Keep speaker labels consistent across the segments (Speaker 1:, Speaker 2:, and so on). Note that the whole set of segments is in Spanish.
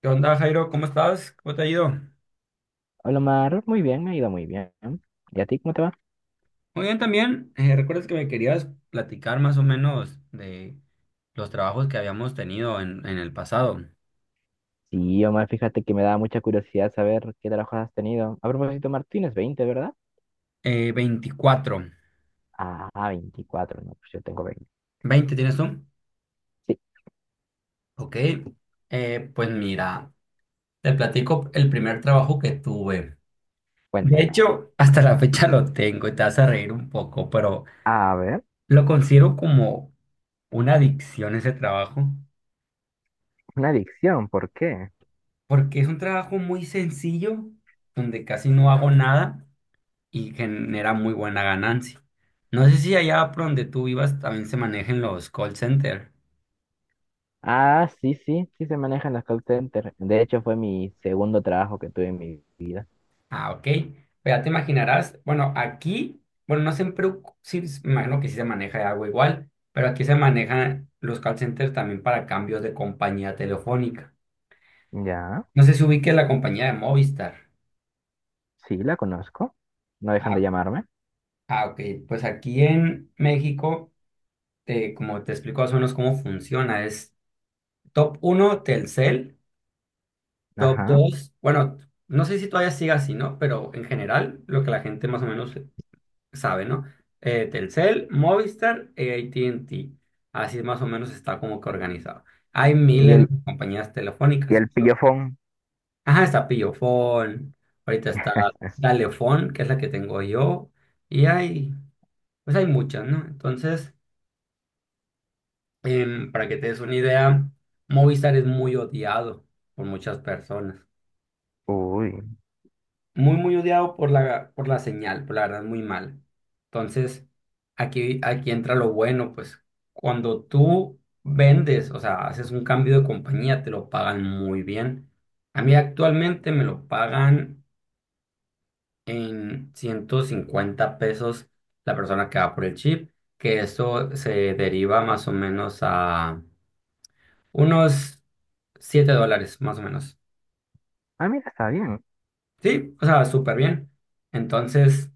Speaker 1: ¿Qué onda, Jairo? ¿Cómo estás? ¿Cómo te ha ido?
Speaker 2: Hola Omar, muy bien, me ha ido muy bien. ¿Y a ti cómo te va?
Speaker 1: Muy bien también. ¿Recuerdas que me querías platicar más o menos de los trabajos que habíamos tenido en el pasado?
Speaker 2: Sí, Omar, fíjate que me da mucha curiosidad saber qué trabajos has tenido. A propósito, Martínez, 20, ¿verdad?
Speaker 1: 24.
Speaker 2: Ah, 24. No, pues yo tengo 20.
Speaker 1: ¿20 tienes tú?
Speaker 2: Sí,
Speaker 1: Ok. Pues mira, te platico el primer trabajo que tuve. De
Speaker 2: cuéntame.
Speaker 1: hecho, hasta la fecha lo tengo y te vas a reír un poco, pero
Speaker 2: A ver,
Speaker 1: lo considero como una adicción ese trabajo,
Speaker 2: una adicción, ¿por qué?
Speaker 1: porque es un trabajo muy sencillo, donde casi no hago nada y genera muy buena ganancia. No sé si allá por donde tú vivas también se manejen los call center.
Speaker 2: Ah, sí, sí, sí se manejan las call centers. De hecho, fue mi segundo trabajo que tuve en mi vida.
Speaker 1: Ah, ok. Pues ya te imaginarás, bueno, aquí, bueno, no siempre, sí, me imagino que sí se maneja algo igual, pero aquí se manejan los call centers también para cambios de compañía telefónica.
Speaker 2: Ya,
Speaker 1: No sé si ubique la compañía de Movistar.
Speaker 2: sí, la conozco. No dejan de
Speaker 1: Ah,
Speaker 2: llamarme.
Speaker 1: ah, ok. Pues aquí en México, como te explico más o menos cómo funciona, es top uno Telcel. Top
Speaker 2: Ajá.
Speaker 1: 2, bueno, no sé si todavía siga así, ¿no? Pero en general, lo que la gente más o menos sabe, ¿no? Telcel, Movistar e AT&T. Así más o menos está como que organizado. Hay
Speaker 2: Y
Speaker 1: miles
Speaker 2: el,
Speaker 1: de compañías
Speaker 2: y
Speaker 1: telefónicas.
Speaker 2: el pillofón.
Speaker 1: Ajá, está Pillofón. Ahorita está Dalefón, que es la que tengo yo. Y hay, pues hay muchas, ¿no? Entonces, para que te des una idea, Movistar es muy odiado por muchas personas.
Speaker 2: Uy.
Speaker 1: Muy, muy odiado por la señal, por la verdad, muy mal. Entonces, aquí entra lo bueno, pues cuando tú vendes, o sea, haces un cambio de compañía, te lo pagan muy bien. A mí actualmente me lo pagan en 150 pesos la persona que va por el chip, que eso se deriva más o menos a unos 7 dólares, más o menos.
Speaker 2: Ah, mira, está bien.
Speaker 1: Sí, o sea, súper bien. Entonces,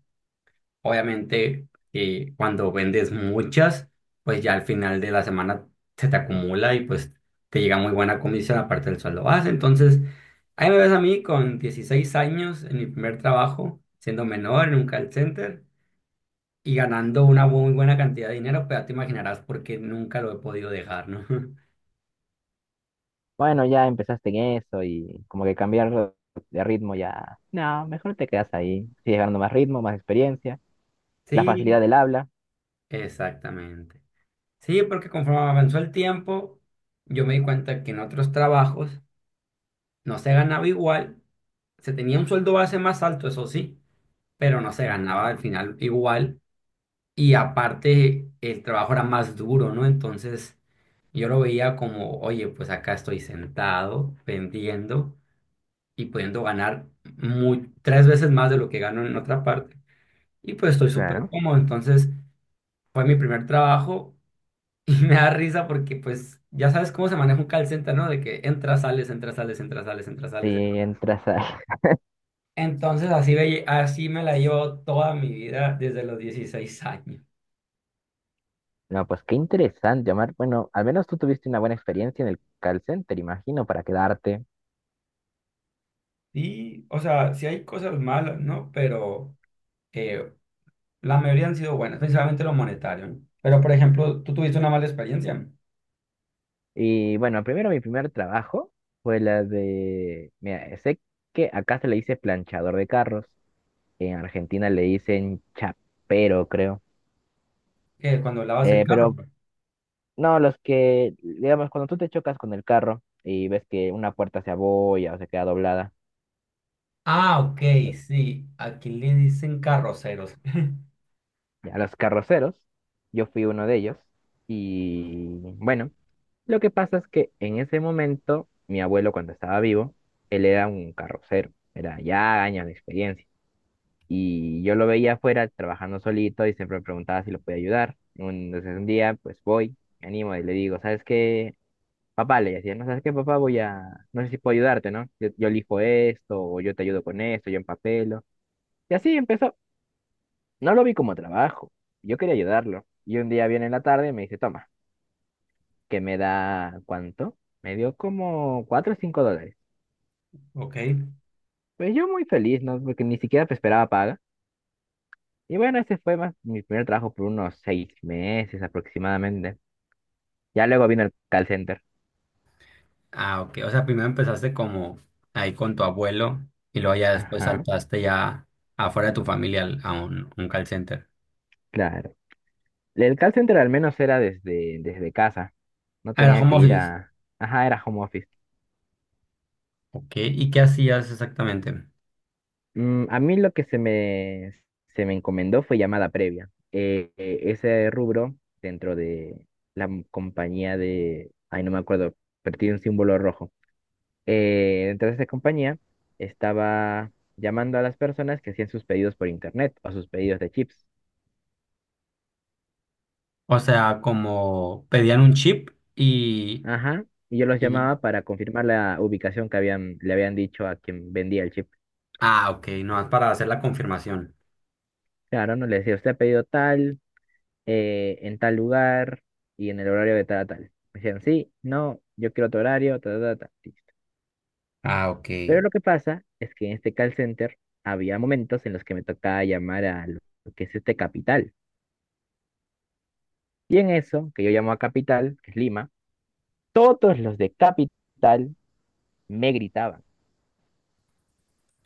Speaker 1: obviamente, cuando vendes muchas, pues ya al final de la semana se te acumula y pues te llega muy buena comisión aparte del sueldo base. Entonces, ahí me ves a mí con 16 años en mi primer trabajo, siendo menor en un call center y ganando una muy buena cantidad de dinero, pues ya te imaginarás por qué nunca lo he podido dejar, ¿no?
Speaker 2: Bueno, ya empezaste en eso y como que cambiar de ritmo ya. No, mejor te quedas ahí. Sigues ganando más ritmo, más experiencia, la
Speaker 1: Sí,
Speaker 2: facilidad del habla.
Speaker 1: exactamente. Sí, porque conforme avanzó el tiempo, yo me di cuenta que en otros trabajos no se ganaba igual. Se tenía un sueldo base más alto, eso sí, pero no se ganaba
Speaker 2: Ajá,
Speaker 1: al final igual. Y aparte, el trabajo era más duro, ¿no? Entonces, yo lo veía como, oye, pues acá estoy sentado, vendiendo y pudiendo ganar muy, tres veces más de lo que gano en otra parte. Y pues estoy súper
Speaker 2: claro.
Speaker 1: cómodo. Entonces, fue mi primer trabajo. Y me da risa porque, pues, ya sabes cómo se maneja un call center, ¿no? De que entras, sales, entras, sales, entras, sales, entras,
Speaker 2: Si
Speaker 1: sales.
Speaker 2: entras a...
Speaker 1: Entonces así, así me la llevo toda mi vida desde los 16 años.
Speaker 2: No, pues qué interesante, Omar. Bueno, al menos tú tuviste una buena experiencia en el call center, imagino, para quedarte.
Speaker 1: Y, o sea, sí hay cosas malas, ¿no? Pero eh, la mayoría han sido buenas, principalmente lo monetario, ¿no? Pero, por ejemplo, tú tuviste una mala experiencia
Speaker 2: Y bueno, primero mi primer trabajo fue la de... Mira, sé que acá se le dice planchador de carros, en Argentina le dicen chapero, creo.
Speaker 1: cuando lavas el carro.
Speaker 2: Pero no, los que, digamos, cuando tú te chocas con el carro y ves que una puerta se abolla o se queda doblada,
Speaker 1: Ah, ok,
Speaker 2: lo-
Speaker 1: sí. Aquí le dicen carroceros.
Speaker 2: a los carroceros, yo fui uno de ellos y bueno, lo que pasa es que en ese momento, mi abuelo cuando estaba vivo, él era un carrocero, era ya años de experiencia y yo lo veía afuera trabajando solito y siempre me preguntaba si lo podía ayudar. Entonces un día, pues voy, me animo y le digo, ¿sabes qué? Papá le decía, no sabes qué, papá, voy a, no sé si puedo ayudarte, ¿no? Yo elijo esto, o yo te ayudo con esto, yo empapelo. Y así empezó. No lo vi como trabajo, yo quería ayudarlo. Y un día viene en la tarde y me dice, toma, que me da, ¿cuánto? Me dio como 4 o 5 dólares.
Speaker 1: Ok.
Speaker 2: Pues yo muy feliz, ¿no? Porque ni siquiera pues, esperaba paga. Y bueno, ese fue más mi primer trabajo por unos 6 meses aproximadamente. Ya luego vino el call center.
Speaker 1: Ah, ok. O sea, primero empezaste como ahí con tu abuelo y luego ya después
Speaker 2: Ajá,
Speaker 1: saltaste ya afuera de tu familia a un call center.
Speaker 2: claro. El call center al menos era desde casa. No
Speaker 1: Ah, era
Speaker 2: tenía
Speaker 1: home
Speaker 2: que ir
Speaker 1: office.
Speaker 2: a... Ajá, era home office.
Speaker 1: Ok, ¿y qué hacías exactamente?
Speaker 2: A mí lo que se me encomendó fue llamada previa. Ese rubro dentro de la compañía de... Ay, no me acuerdo, pero tiene un símbolo rojo. Dentro de esa compañía estaba llamando a las personas que hacían sus pedidos por internet o sus pedidos de chips.
Speaker 1: O sea, como pedían un chip y,
Speaker 2: Ajá. Y yo los
Speaker 1: y...
Speaker 2: llamaba para confirmar la ubicación que le habían dicho a quien vendía el chip.
Speaker 1: Ah, ok, no, es para hacer la confirmación.
Speaker 2: Claro, no le decía, usted ha pedido tal, en tal lugar y en el horario de tal a tal. Me decían, sí, no, yo quiero otro horario, ta, ta, ta, ta, listo.
Speaker 1: Ah, ok,
Speaker 2: Pero lo que pasa es que en este call center había momentos en los que me tocaba llamar a lo que es este Capital. Y en eso, que yo llamo a Capital, que es Lima, todos los de Capital me gritaban.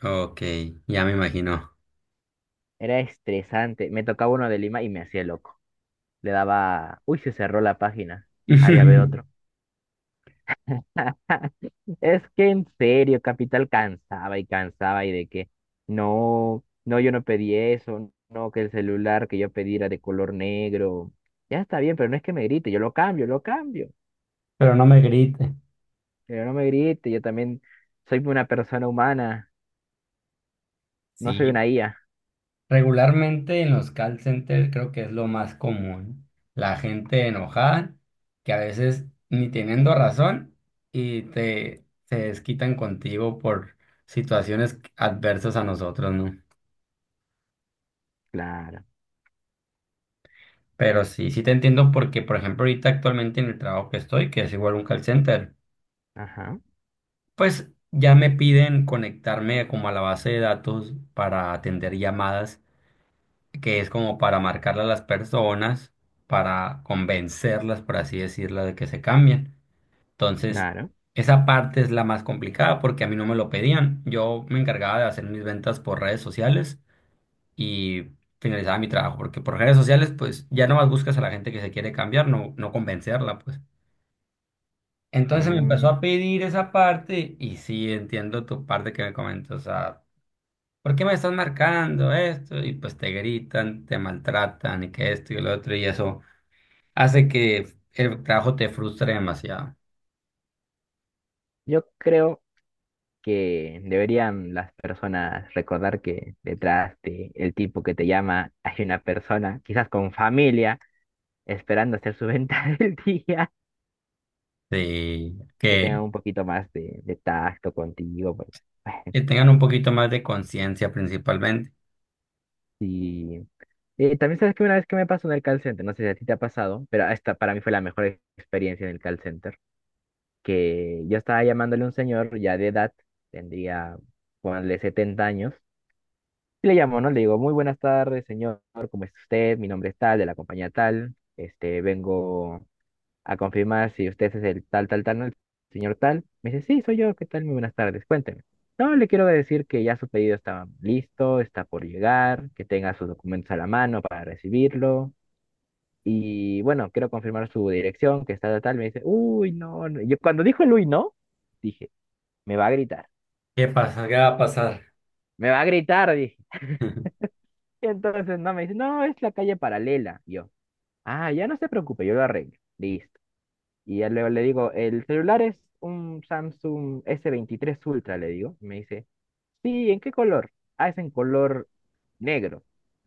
Speaker 1: ok, ya me imagino.
Speaker 2: Era estresante. Me tocaba uno de Lima y me hacía loco. Le daba, uy, se cerró la página. Ahí a ver otro. Es que en serio, Capital cansaba y cansaba y de que no, no, yo no pedí eso, no, que el celular que yo pedí era de color negro. Ya está bien, pero no es que me grite, yo lo cambio, lo cambio.
Speaker 1: Pero no me grite.
Speaker 2: Pero no me grite, yo también soy una persona humana, no soy
Speaker 1: Sí,
Speaker 2: una IA.
Speaker 1: regularmente en los call centers creo que es lo más común. La gente enojada, que a veces ni teniendo razón y te se desquitan contigo por situaciones adversas a nosotros, ¿no?
Speaker 2: Claro,
Speaker 1: Pero sí, sí te entiendo porque, por ejemplo, ahorita actualmente en el trabajo que estoy, que es igual un call center,
Speaker 2: ajá,
Speaker 1: pues ya me piden conectarme como a la base de datos para atender llamadas, que es como para marcarle a las personas, para convencerlas, por así decirlo, de que se cambien. Entonces,
Speaker 2: claro.
Speaker 1: esa parte es la más complicada porque a mí no me lo pedían. Yo me encargaba de hacer mis ventas por redes sociales y finalizaba mi trabajo, porque por redes sociales, pues ya nomás buscas a la gente que se quiere cambiar, no, no convencerla, pues. Entonces me empezó
Speaker 2: Mm,
Speaker 1: a pedir esa parte y sí entiendo tu parte que me comentas, o sea, ¿por qué me estás marcando esto? Y pues te gritan, te maltratan y que esto y lo otro y eso hace que el trabajo te frustre demasiado.
Speaker 2: yo creo que deberían las personas recordar que detrás de el tipo que te llama hay una persona, quizás con familia esperando hacer su venta del día
Speaker 1: Sí,
Speaker 2: y que tengan un poquito más de tacto contigo. Pues, bueno,
Speaker 1: que tengan un poquito más de conciencia principalmente.
Speaker 2: sí. También sabes que una vez que me pasó en el call center, no sé si a ti te ha pasado, pero esta para mí fue la mejor experiencia en el call center, que yo estaba llamándole a un señor ya de edad, tendría, ponle 70 años, y le llamo, ¿no? Le digo, muy buenas tardes, señor, ¿cómo está usted? Mi nombre es tal, de la compañía tal, este, vengo a confirmar si usted es el tal, tal, tal, ¿no? El señor tal. Me dice, sí, soy yo, ¿qué tal? Muy buenas tardes, cuénteme. No, le quiero decir que ya su pedido está listo, está por llegar, que tenga sus documentos a la mano para recibirlo. Y bueno, quiero confirmar su dirección, que está tal, tal. Me dice, uy, no, no. Yo cuando dijo el uy, no, dije, me va a gritar,
Speaker 1: ¿Qué pasa? ¿Qué va a pasar?
Speaker 2: me va a gritar, dije. Y entonces no, me dice, no, es la calle paralela. Y yo, ah, ya no se preocupe, yo lo arreglo. Listo. Y ya luego le digo, el celular es un Samsung S23 Ultra, le digo. Y me dice, sí, ¿en qué color? Ah, es en color negro.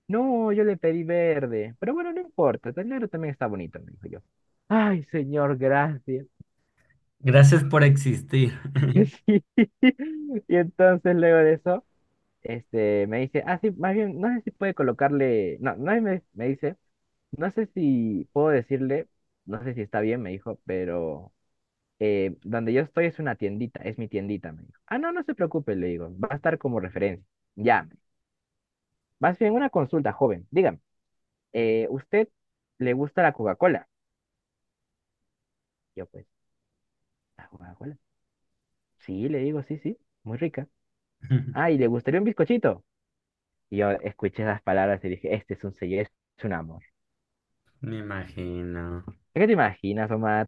Speaker 2: No, yo le pedí verde, pero bueno, no importa, el negro también está bonito, me dijo yo. Ay, señor, gracias.
Speaker 1: Gracias por existir.
Speaker 2: Sí. Y entonces luego de eso, este, me dice, ah, sí, más bien, no sé si puede colocarle, no, no, y me dice, no sé si puedo decirle, no sé si está bien, me dijo, pero donde yo estoy es una tiendita, es mi tiendita, me dijo. Ah, no, no se preocupe, le digo, va a estar como referencia. Ya, me dijo. Más bien una consulta, joven, dígame, ¿usted le gusta la Coca-Cola? Yo, pues, ¿la Coca-Cola? Sí, le digo, sí, sí, muy rica. Ah, ¿y le gustaría un bizcochito? Y yo escuché esas palabras y dije, este es un sello, este es un amor.
Speaker 1: Me imagino.
Speaker 2: ¿Es que te imaginas, Omar,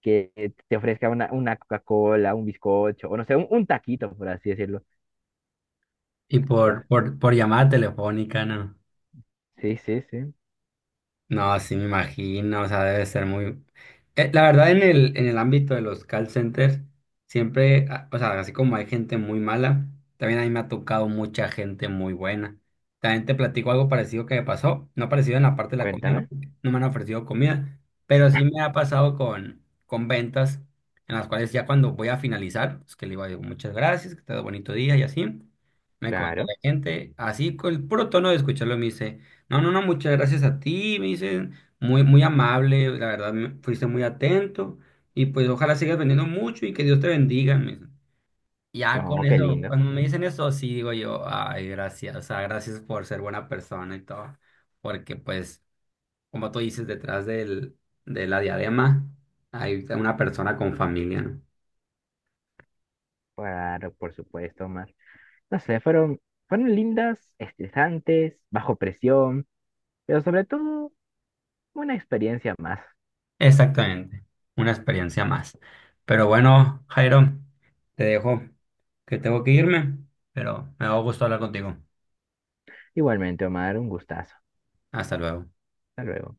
Speaker 2: que te ofrezca una Coca-Cola, un bizcocho, o no sé, un taquito, por así decirlo?
Speaker 1: Y
Speaker 2: Yo,
Speaker 1: por llamada telefónica, ¿no?
Speaker 2: sí, sí, sí,
Speaker 1: No, sí me imagino, o sea, debe ser muy... la verdad, en el ámbito de los call centers, siempre, ah, o sea, así como hay gente muy mala, también a mí me ha tocado mucha gente muy buena. También te platico algo parecido que me pasó, no parecido en la parte de la comida, no,
Speaker 2: cuéntame,
Speaker 1: porque no me han ofrecido comida, pero sí me ha pasado con ventas en las cuales ya cuando voy a finalizar, pues que le digo, "Ay, muchas gracias, que te ha dado bonito día" y así, me comenta
Speaker 2: claro.
Speaker 1: la gente, así con el puro tono de escucharlo me dice... No, no, no, muchas gracias a ti, me dicen, muy, muy amable, la verdad, fuiste muy atento y pues ojalá sigas vendiendo mucho y que Dios te bendiga, me dicen. Ya con
Speaker 2: No, qué
Speaker 1: eso,
Speaker 2: lindo.
Speaker 1: cuando me dicen eso, sí digo yo, ay, gracias, o sea, gracias por ser buena persona y todo, porque pues, como tú dices, detrás del, de la diadema hay una persona con familia, ¿no?
Speaker 2: Claro, por supuesto, Omar. No sé, fueron, lindas, estresantes, bajo presión, pero sobre todo una experiencia más.
Speaker 1: Exactamente, una experiencia más. Pero bueno, Jairo, te dejo que tengo que irme, pero me da gusto hablar contigo.
Speaker 2: Igualmente, Omar, un gustazo.
Speaker 1: Hasta luego.
Speaker 2: Hasta luego.